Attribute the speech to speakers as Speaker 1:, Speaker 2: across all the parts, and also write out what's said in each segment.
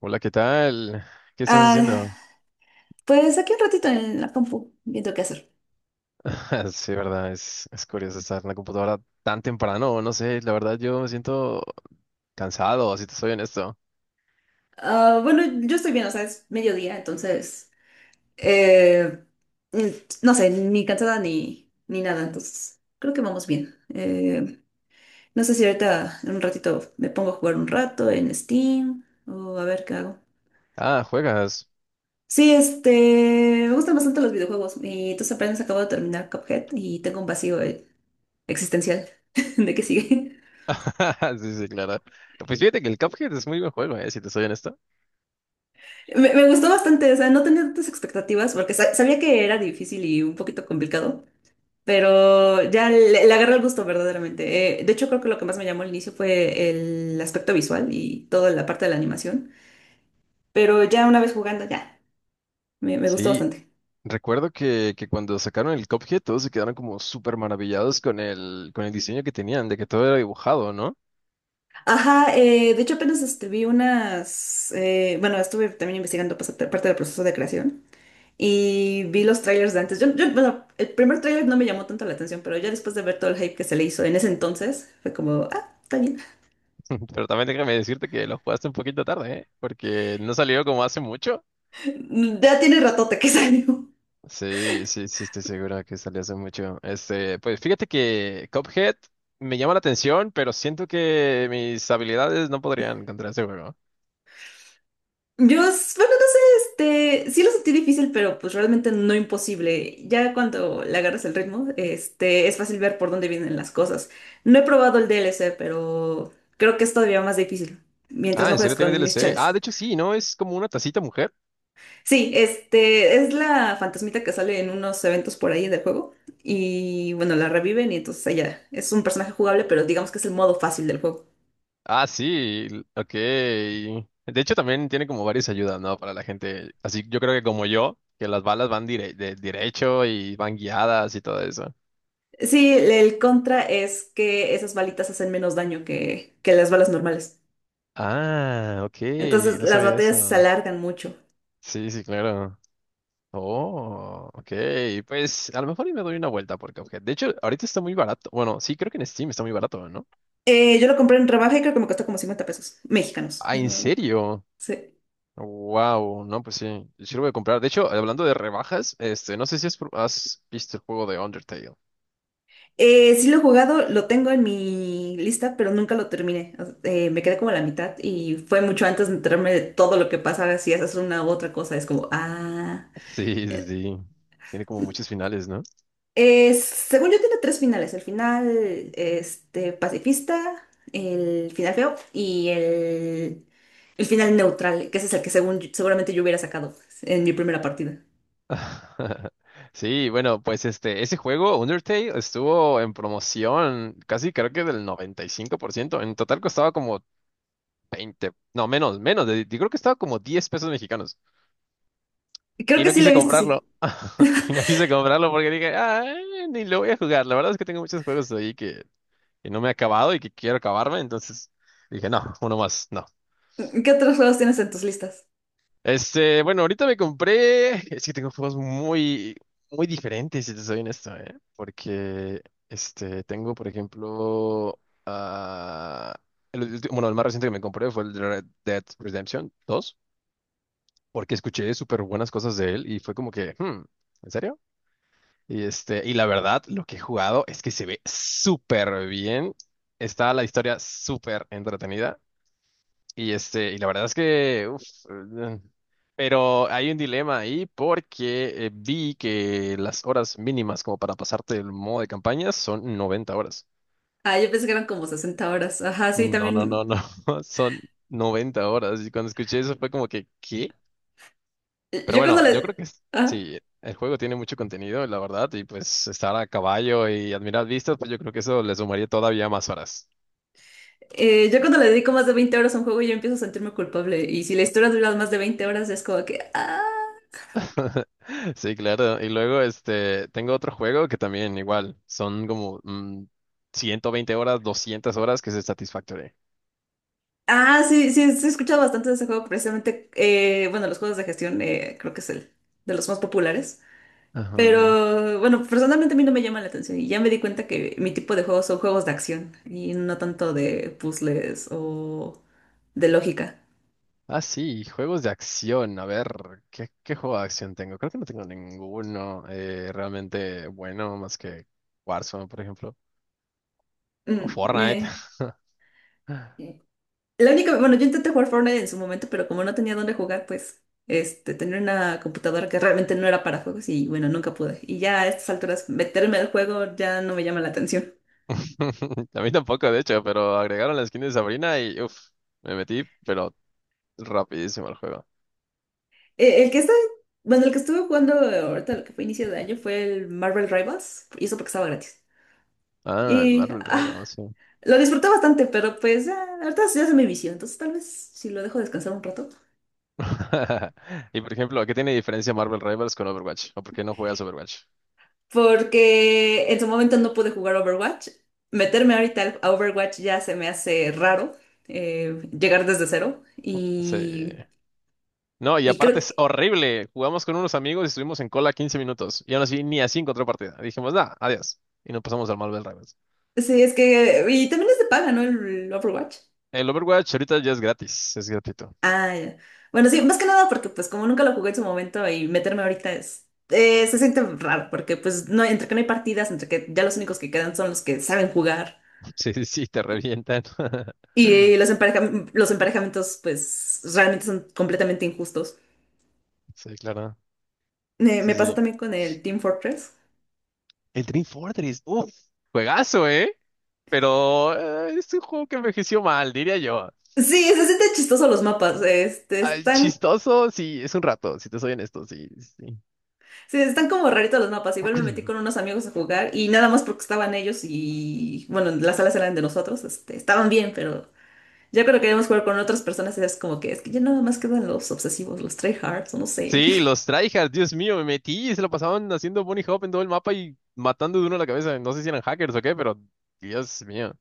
Speaker 1: Hola, ¿qué tal? ¿Qué estás
Speaker 2: Ah,
Speaker 1: haciendo?
Speaker 2: pues aquí un ratito en la compu, viendo qué hacer.
Speaker 1: Sí, verdad, es curioso estar en la computadora tan temprano, no sé, la verdad yo me siento cansado, si te soy honesto.
Speaker 2: Ah, bueno, yo estoy bien, o sea, es mediodía, entonces, eh, mm, no sé, ni cansada ni nada, entonces creo que vamos bien. No sé si ahorita en un ratito me pongo a jugar un rato en Steam o a ver qué hago.
Speaker 1: Ah, ¿juegas?
Speaker 2: Sí, este, me gustan bastante los videojuegos y entonces apenas acabo de terminar Cuphead y tengo un vacío existencial de qué sigue.
Speaker 1: Sí, sí, claro. Pues fíjate que el Cuphead es muy buen juego, si te soy honesto.
Speaker 2: Me gustó bastante, o sea, no tenía tantas expectativas porque sabía que era difícil y un poquito complicado, pero ya le agarré el gusto verdaderamente. De hecho, creo que lo que más me llamó al inicio fue el aspecto visual y toda la parte de la animación, pero ya una vez jugando, ya, me gustó
Speaker 1: Sí,
Speaker 2: bastante.
Speaker 1: recuerdo que cuando sacaron el Cuphead todos se quedaron como súper maravillados con el diseño que tenían, de que todo era dibujado, ¿no?
Speaker 2: Ajá, de hecho apenas este, vi unas, bueno, estuve también investigando pues, parte del proceso de creación. Y vi los trailers de antes. Yo, bueno, el primer trailer no me llamó tanto la atención, pero ya después de ver todo el hype que se le hizo en ese entonces, fue como, ah, está bien.
Speaker 1: Pero también déjame decirte que lo jugaste un poquito tarde, ¿eh? Porque no salió como hace mucho.
Speaker 2: Ya tiene ratote que salió.
Speaker 1: Sí, sí, sí, estoy segura que salió hace mucho. Este, pues fíjate que Cuphead me llama la atención, pero siento que mis habilidades no podrían contra ese juego.
Speaker 2: Yo, bueno, no sé, este, sí lo sentí difícil, pero pues realmente no imposible. Ya cuando le agarras el ritmo, este, es fácil ver por dónde vienen las cosas. No he probado el DLC pero creo que es todavía más difícil, mientras
Speaker 1: Ah,
Speaker 2: no
Speaker 1: ¿en
Speaker 2: juegues
Speaker 1: serio tiene
Speaker 2: con mis
Speaker 1: DLC? Ah,
Speaker 2: cheles.
Speaker 1: de hecho sí, ¿no? Es como una tacita mujer.
Speaker 2: Sí, este es la fantasmita que sale en unos eventos por ahí del juego y bueno, la reviven y entonces ella es un personaje jugable, pero digamos que es el modo fácil del juego.
Speaker 1: Ah, sí, ok. De hecho también tiene como varias ayudas, ¿no? Para la gente. Así yo creo que como yo, que las balas van derecho y van guiadas y todo eso.
Speaker 2: Sí, el contra es que esas balitas hacen menos daño que las balas normales.
Speaker 1: Ah, ok,
Speaker 2: Entonces
Speaker 1: no
Speaker 2: las
Speaker 1: sabía
Speaker 2: batallas se
Speaker 1: eso.
Speaker 2: alargan mucho.
Speaker 1: Sí, sí, claro. Oh, ok. Pues a lo mejor y me doy una vuelta por Cuphead. De hecho, ahorita está muy barato. Bueno, sí, creo que en Steam está muy barato, ¿no?
Speaker 2: Yo lo compré en rebaja y creo que me costó como 50 pesos mexicanos.
Speaker 1: Ah, ¿en serio?
Speaker 2: Sí.
Speaker 1: Wow, no, pues sí, sí lo voy a comprar. De hecho, hablando de rebajas, este, no sé si has visto el juego de Undertale.
Speaker 2: Sí lo he jugado, lo tengo en mi lista, pero nunca lo terminé. O me quedé como a la mitad y fue mucho antes de enterarme de todo lo que pasa si haces una u otra cosa. Es como, ah.
Speaker 1: Sí, sí, sí. Tiene como muchos finales, ¿no?
Speaker 2: Según yo tiene tres finales. El final este, pacifista, el final feo y el final neutral, que ese es el que según, seguramente yo hubiera sacado en mi primera partida.
Speaker 1: Sí, bueno, pues este, ese juego, Undertale, estuvo en promoción casi creo que del 95%. En total costaba como 20, no, menos, menos, yo creo que estaba como 10 pesos mexicanos.
Speaker 2: Creo
Speaker 1: Y
Speaker 2: que
Speaker 1: no
Speaker 2: sí lo
Speaker 1: quise
Speaker 2: he visto, sí.
Speaker 1: comprarlo. Y no quise comprarlo porque dije, ah, ni lo voy a jugar. La verdad es que tengo muchos juegos ahí que no me he acabado y que quiero acabarme. Entonces dije, no, uno más, no.
Speaker 2: ¿Qué otros juegos tienes en tus listas?
Speaker 1: Este, bueno, ahorita me compré. Es que tengo juegos muy, muy diferentes, si te soy honesto, ¿eh? Porque, este, tengo, por ejemplo, ah, el, bueno, el más reciente que me compré fue el de Red Dead Redemption 2, porque escuché súper buenas cosas de él y fue como que, hmm, ¿en serio? Y este, y la verdad, lo que he jugado es que se ve súper bien. Está la historia súper entretenida. Y este, y la verdad es que, eh, pero hay un dilema ahí porque vi que las horas mínimas como para pasarte el modo de campaña son 90 horas.
Speaker 2: Ah, yo pensé que eran como 60 horas. Ajá, sí,
Speaker 1: No, no, no,
Speaker 2: también.
Speaker 1: no, son 90 horas. Y cuando escuché eso fue como que, ¿qué? Pero
Speaker 2: Yo cuando
Speaker 1: bueno, yo
Speaker 2: le...
Speaker 1: creo que
Speaker 2: ah,
Speaker 1: sí, el juego tiene mucho contenido, la verdad, y pues estar a caballo y admirar vistas, pues yo creo que eso le sumaría todavía más horas.
Speaker 2: yo cuando le dedico más de 20 horas a un juego ya empiezo a sentirme culpable. Y si la historia dura más de 20 horas es como que. Ah,
Speaker 1: Sí, claro. Y luego, este, tengo otro juego que también igual, son como 120 horas, 200 horas, que es el Satisfactory.
Speaker 2: ah sí, sí, sí, he escuchado bastante de ese juego. Precisamente, bueno, los juegos de gestión creo que es el de los más populares.
Speaker 1: Ajá.
Speaker 2: Pero bueno, personalmente a mí no me llama la atención. Y ya me di cuenta que mi tipo de juegos son juegos de acción y no tanto de puzzles o de lógica.
Speaker 1: Ah, sí, juegos de acción. A ver, ¿qué juego de acción tengo? Creo que no tengo ninguno realmente bueno, más que Warzone, por ejemplo, o
Speaker 2: Mm,
Speaker 1: Fortnite.
Speaker 2: eh. La única, bueno, yo intenté jugar Fortnite en su momento, pero como no tenía dónde jugar, pues, este, tenía una computadora que realmente no era para juegos y bueno, nunca pude. Y ya a estas alturas, meterme al juego ya no me llama la atención.
Speaker 1: A mí tampoco, de hecho, pero agregaron la skin de Sabrina y uff, me metí, pero rapidísimo al juego.
Speaker 2: El que está, bueno, el que estuve jugando ahorita, lo que fue inicio de año, fue el Marvel Rivals, y eso porque estaba gratis.
Speaker 1: Ah, el
Speaker 2: Y,
Speaker 1: Marvel
Speaker 2: ah,
Speaker 1: Rivals, sí.
Speaker 2: lo disfruté bastante, pero pues, ya, ahorita ya se me vició, entonces tal vez si lo dejo descansar un rato.
Speaker 1: Y por ejemplo, ¿qué tiene diferencia Marvel Rivals con Overwatch? ¿O por qué no juegas Overwatch?
Speaker 2: Porque en su momento no pude jugar Overwatch. Meterme ahorita a Overwatch ya se me hace raro llegar desde cero
Speaker 1: Sí.
Speaker 2: y,
Speaker 1: No, y
Speaker 2: y
Speaker 1: aparte
Speaker 2: creo
Speaker 1: es horrible. Jugamos con unos amigos y estuvimos en cola 15 minutos. Y aún así ni así encontró partida. Dijimos, nada, adiós. Y nos pasamos al Marvel Rivals.
Speaker 2: que sí, es que. Y también es de paga, ¿no? El Overwatch.
Speaker 1: El Overwatch ahorita ya es gratis, es gratuito.
Speaker 2: Ah, ya. Bueno, sí, más que nada porque pues como nunca lo jugué en su momento y meterme ahorita es, se siente raro porque pues no, entre que no hay partidas, entre que ya los únicos que quedan son los que saben jugar
Speaker 1: Sí, sí, sí, te revientan.
Speaker 2: y los emparejamientos pues realmente son completamente injustos.
Speaker 1: Sí, claro.
Speaker 2: Me,
Speaker 1: Sí,
Speaker 2: me pasó
Speaker 1: sí.
Speaker 2: también con el Team Fortress.
Speaker 1: El Team Fortress, uff, juegazo, ¿eh? Pero es un juego que envejeció mal, diría yo.
Speaker 2: Sí, se sienten chistosos los mapas. Este,
Speaker 1: Ay,
Speaker 2: están,
Speaker 1: chistoso, sí, es un rato, si te soy honesto, sí, sí.
Speaker 2: sí, están como raritos los mapas. Igual me metí con unos amigos a jugar y nada más porque estaban ellos y, bueno, las salas eran de nosotros. Este, estaban bien, pero ya cuando queríamos jugar con otras personas es como que es que ya nada más quedan los obsesivos, los tryhards o no sé.
Speaker 1: Sí, los tryhards, Dios mío, me metí y se lo pasaban haciendo bunny hop en todo el mapa y matando de uno a la cabeza. No sé si eran hackers o qué, pero Dios mío,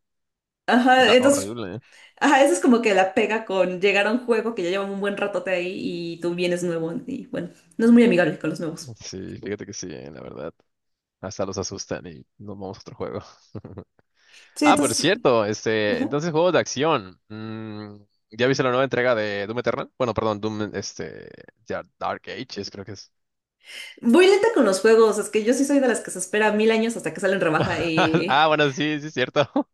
Speaker 2: Ajá,
Speaker 1: era
Speaker 2: entonces,
Speaker 1: horrible, ¿eh?
Speaker 2: ajá, eso es como que la pega con llegar a un juego que ya lleva un buen ratote ahí y tú vienes nuevo y bueno, no es muy amigable con los nuevos.
Speaker 1: Sí, fíjate que sí, la verdad. Hasta los asustan y nos vamos a otro juego.
Speaker 2: Sí,
Speaker 1: Ah, por
Speaker 2: entonces,
Speaker 1: cierto, este,
Speaker 2: ajá.
Speaker 1: entonces juegos de acción. Mm, ¿ya viste la nueva entrega de Doom Eternal? Bueno, perdón, Doom, este, ya, Dark Ages, creo que es.
Speaker 2: Voy lenta con los juegos, es que yo sí soy de las que se espera mil años hasta que salen rebaja y.
Speaker 1: Ah, bueno, sí, sí, es cierto.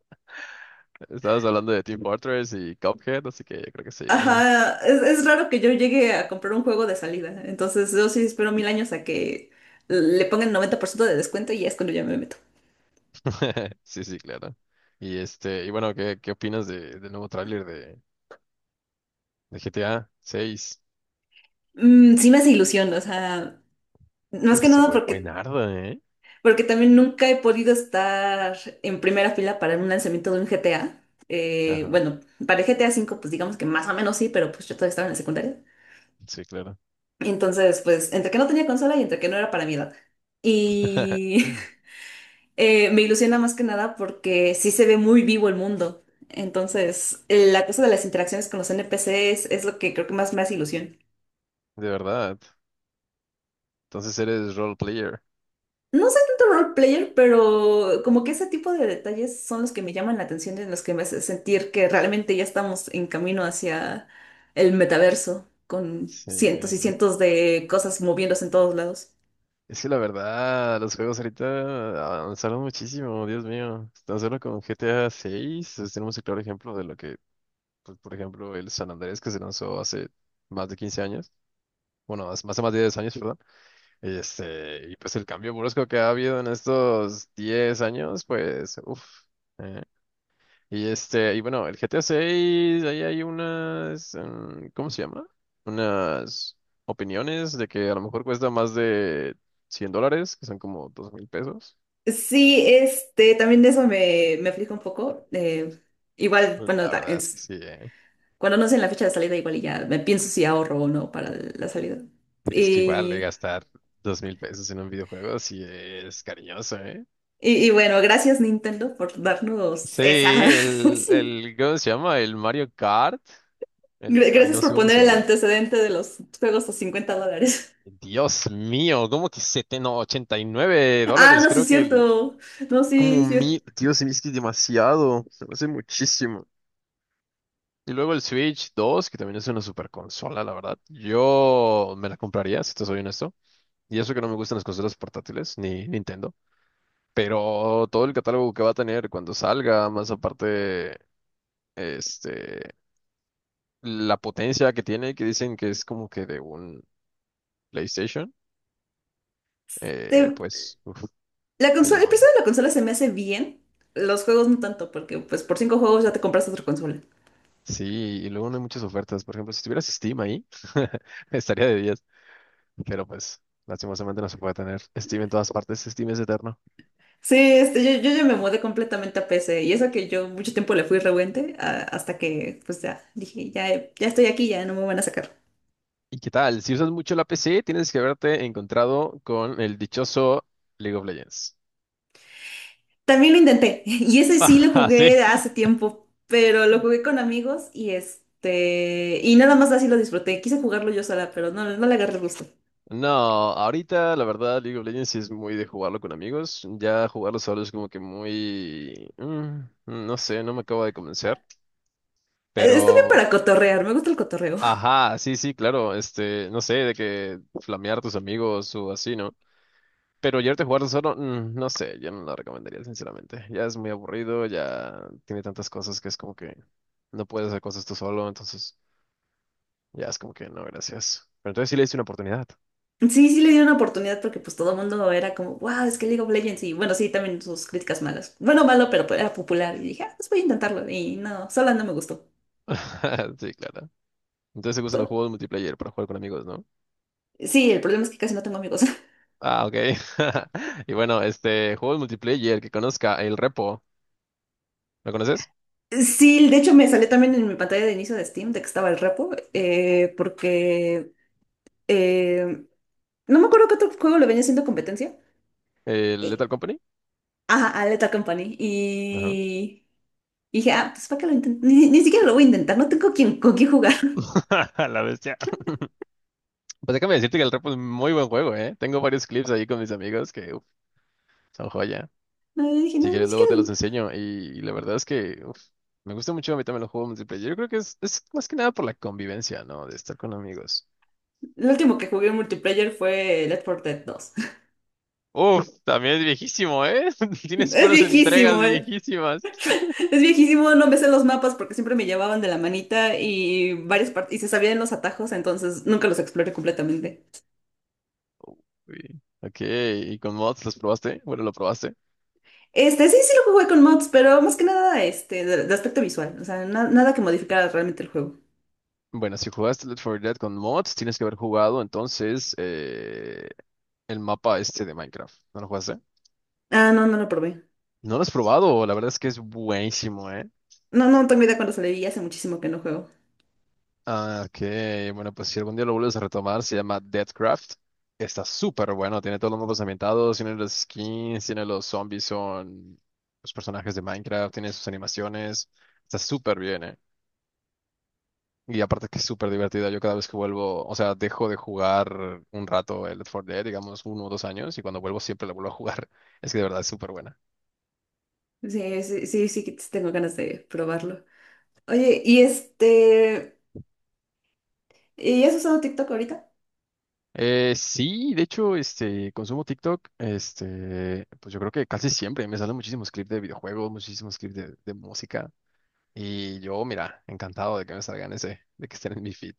Speaker 1: Estabas hablando de Team Fortress y Cuphead, así que yo creo que sí.
Speaker 2: Ajá, es raro que yo llegue a comprar un juego de salida, entonces yo sí espero mil años a que le pongan 90% de descuento y ya es cuando ya me meto.
Speaker 1: Sí, sí, claro. Y este, y bueno, ¿qué opinas de, del nuevo tráiler de GTA seis?
Speaker 2: Mm, sí me hace ilusión, o sea, más
Speaker 1: Uf,
Speaker 2: que
Speaker 1: se
Speaker 2: nada
Speaker 1: fue
Speaker 2: porque,
Speaker 1: buenardo, ¿eh?
Speaker 2: porque también nunca he podido estar en primera fila para un lanzamiento de un GTA.
Speaker 1: Ajá,
Speaker 2: Bueno, para el GTA 5 pues digamos que más o menos sí, pero pues yo todavía estaba en la secundaria.
Speaker 1: sí, claro.
Speaker 2: Entonces, pues, entre que no tenía consola y entre que no era para mi edad. Y me ilusiona más que nada porque sí se ve muy vivo el mundo. Entonces, la cosa de las interacciones con los NPCs es lo que creo que más me hace ilusión.
Speaker 1: De verdad. Entonces eres role player.
Speaker 2: No soy tanto role player, pero como que ese tipo de detalles son los que me llaman la atención y en los que me hace sentir que realmente ya estamos en camino hacia el metaverso, con
Speaker 1: Sí.
Speaker 2: cientos y cientos de cosas moviéndose en todos lados.
Speaker 1: Es que la verdad, los juegos ahorita avanzaron muchísimo, Dios mío. Tan solo con GTA 6 tenemos el claro ejemplo de lo que, pues, por ejemplo, el San Andrés que se lanzó hace más de 15 años, bueno, más, más de 10 años, perdón. Este, y pues el cambio brusco que ha habido en estos 10 años, pues, uff. Y este, y bueno, el GTA 6, ahí hay unas, ¿cómo se llama? Unas opiniones de que a lo mejor cuesta más de $100, que son como 2000 pesos.
Speaker 2: Sí, este, también de eso me aflige un poco. Igual,
Speaker 1: Pues,
Speaker 2: bueno,
Speaker 1: la verdad es que sí, ¿eh?
Speaker 2: cuando no sé en la fecha de salida, igual y ya me pienso si ahorro o no para la salida.
Speaker 1: Pero es que igual
Speaker 2: Y,
Speaker 1: gastar 2000 pesos en un videojuego sí es cariñoso, ¿eh?
Speaker 2: y, bueno, gracias Nintendo por darnos
Speaker 1: Sí,
Speaker 2: esa.
Speaker 1: ¿cómo se llama? El Mario Kart. El, ay,
Speaker 2: Gracias
Speaker 1: no sé
Speaker 2: por
Speaker 1: cómo
Speaker 2: poner
Speaker 1: se
Speaker 2: el
Speaker 1: llama.
Speaker 2: antecedente de los juegos a $50.
Speaker 1: Dios mío, ¿cómo que 70, no, 89
Speaker 2: Ah,
Speaker 1: dólares?
Speaker 2: no, sí es
Speaker 1: Creo que el,
Speaker 2: cierto. No, sí,
Speaker 1: como
Speaker 2: sí.
Speaker 1: mil, tío, se me hace demasiado, se me hace muchísimo. Y luego el Switch 2, que también es una super consola, la verdad. Yo me la compraría, si te soy honesto. Y eso que no me gustan las consolas portátiles, ni Nintendo. Pero todo el catálogo que va a tener cuando salga, más aparte, este, la potencia que tiene, que dicen que es como que de un PlayStation,
Speaker 2: Te-
Speaker 1: pues, uf,
Speaker 2: la
Speaker 1: me
Speaker 2: consola, el precio
Speaker 1: llama.
Speaker 2: de la consola se me hace bien. Los juegos no tanto, porque pues por cinco juegos ya te compras otra consola.
Speaker 1: Sí, y luego no hay muchas ofertas. Por ejemplo, si tuvieras Steam ahí, estaría de diez. Pero pues, lastimosamente no se puede tener Steam en todas partes, Steam es eterno.
Speaker 2: Sí, este, yo, ya me mudé completamente a PC y eso que yo mucho tiempo le fui rebuente hasta que pues ya dije, ya, ya estoy aquí, ya no me van a sacar.
Speaker 1: ¿Y qué tal? Si usas mucho la PC, tienes que haberte encontrado con el dichoso League of Legends.
Speaker 2: También lo intenté y ese sí lo
Speaker 1: Ah, sí.
Speaker 2: jugué hace tiempo, pero lo jugué con amigos y este, y nada más así lo disfruté. Quise jugarlo yo sola, pero no, no le agarré el gusto.
Speaker 1: No, ahorita la verdad League of Legends sí es muy de jugarlo con amigos. Ya jugarlo solo es como que muy... mm, no sé, no me acabo de convencer.
Speaker 2: Está bien para
Speaker 1: Pero...
Speaker 2: cotorrear, me gusta el cotorreo.
Speaker 1: Ajá, sí, sí, claro. Este, no sé, de que flamear a tus amigos o así, ¿no? Pero llevarte a jugarlo solo, mm, no sé, yo no lo recomendaría, sinceramente. Ya es muy aburrido, ya tiene tantas cosas que es como que no puedes hacer cosas tú solo, entonces ya es como que no, gracias. Pero entonces sí le hice una oportunidad.
Speaker 2: Sí, sí le di una oportunidad porque pues todo el mundo era como, wow, es que League of Legends y bueno, sí, también sus críticas malas. Bueno, malo, pero pues, era popular y dije, ah, pues voy a intentarlo y no, sola no me gustó.
Speaker 1: Sí, claro. Entonces te gustan los
Speaker 2: to-
Speaker 1: juegos multiplayer para jugar con amigos, ¿no?
Speaker 2: Sí, el problema es que casi no tengo amigos.
Speaker 1: Ah, ok. Y bueno, este, juegos multiplayer que conozca, el Repo, ¿lo conoces?
Speaker 2: Sí, de hecho me salió también en mi pantalla de inicio de Steam de que estaba el repo, porque eh, no me acuerdo qué otro juego le venía haciendo competencia.
Speaker 1: El
Speaker 2: Y,
Speaker 1: Lethal Company.
Speaker 2: ajá, a Lethal Company.
Speaker 1: Ajá.
Speaker 2: Y, dije, ah, pues para qué lo intento. Ni siquiera lo voy a intentar, no tengo con quién jugar.
Speaker 1: La bestia. Pues déjame decirte que el Repo es muy buen juego, ¿eh? Tengo varios clips ahí con mis amigos que uf, son joya.
Speaker 2: No, y dije,
Speaker 1: Si
Speaker 2: no, ni
Speaker 1: quieres, luego
Speaker 2: siquiera.
Speaker 1: te los enseño. Y, la verdad es que uf, me gusta mucho a mí también los juegos multiplayer. Yo creo que es más que nada por la convivencia, ¿no? De estar con amigos.
Speaker 2: Lo último que jugué en multiplayer fue Left 4 Dead dos.
Speaker 1: Uf, también es viejísimo, ¿eh? Tienes
Speaker 2: Es
Speaker 1: puras entregas
Speaker 2: viejísimo, eh.
Speaker 1: viejísimas.
Speaker 2: Es viejísimo, no me sé los mapas porque siempre me llevaban de la manita y varias partes y se sabían los atajos, entonces nunca los exploré completamente.
Speaker 1: Uy. Ok, ¿y con mods los probaste? Bueno, lo probaste.
Speaker 2: Este, sí, sí lo jugué con mods, pero más que nada este, de aspecto visual, o sea, nada que modificara realmente el juego.
Speaker 1: Bueno, si jugaste Left 4 Dead con mods, tienes que haber jugado entonces el mapa este de Minecraft. ¿No lo jugaste?
Speaker 2: Ah, no, no lo probé.
Speaker 1: No lo has probado, la verdad es que es buenísimo, ¿eh?
Speaker 2: No, no tengo idea cuándo salió y hace muchísimo que no juego.
Speaker 1: Ah, ok. Bueno, pues si algún día lo vuelves a retomar, se llama Deathcraft. Está súper bueno, tiene todos los mapas ambientados, tiene los skins, tiene los zombies, son los personajes de Minecraft, tiene sus animaciones. Está súper bien, eh. Y aparte que es súper divertida. Yo cada vez que vuelvo, o sea, dejo de jugar un rato el Left 4 Dead, digamos uno o dos años, y cuando vuelvo siempre lo vuelvo a jugar. Es que de verdad es súper buena.
Speaker 2: Sí, sí, sí, sí, que tengo ganas de probarlo. Oye, y este, ¿y has usado TikTok ahorita?
Speaker 1: Sí, de hecho, este, consumo TikTok, este, pues yo creo que casi siempre me salen muchísimos clips de videojuegos, muchísimos clips de música, y yo, mira, encantado de que me salgan ese, de que estén en mi feed.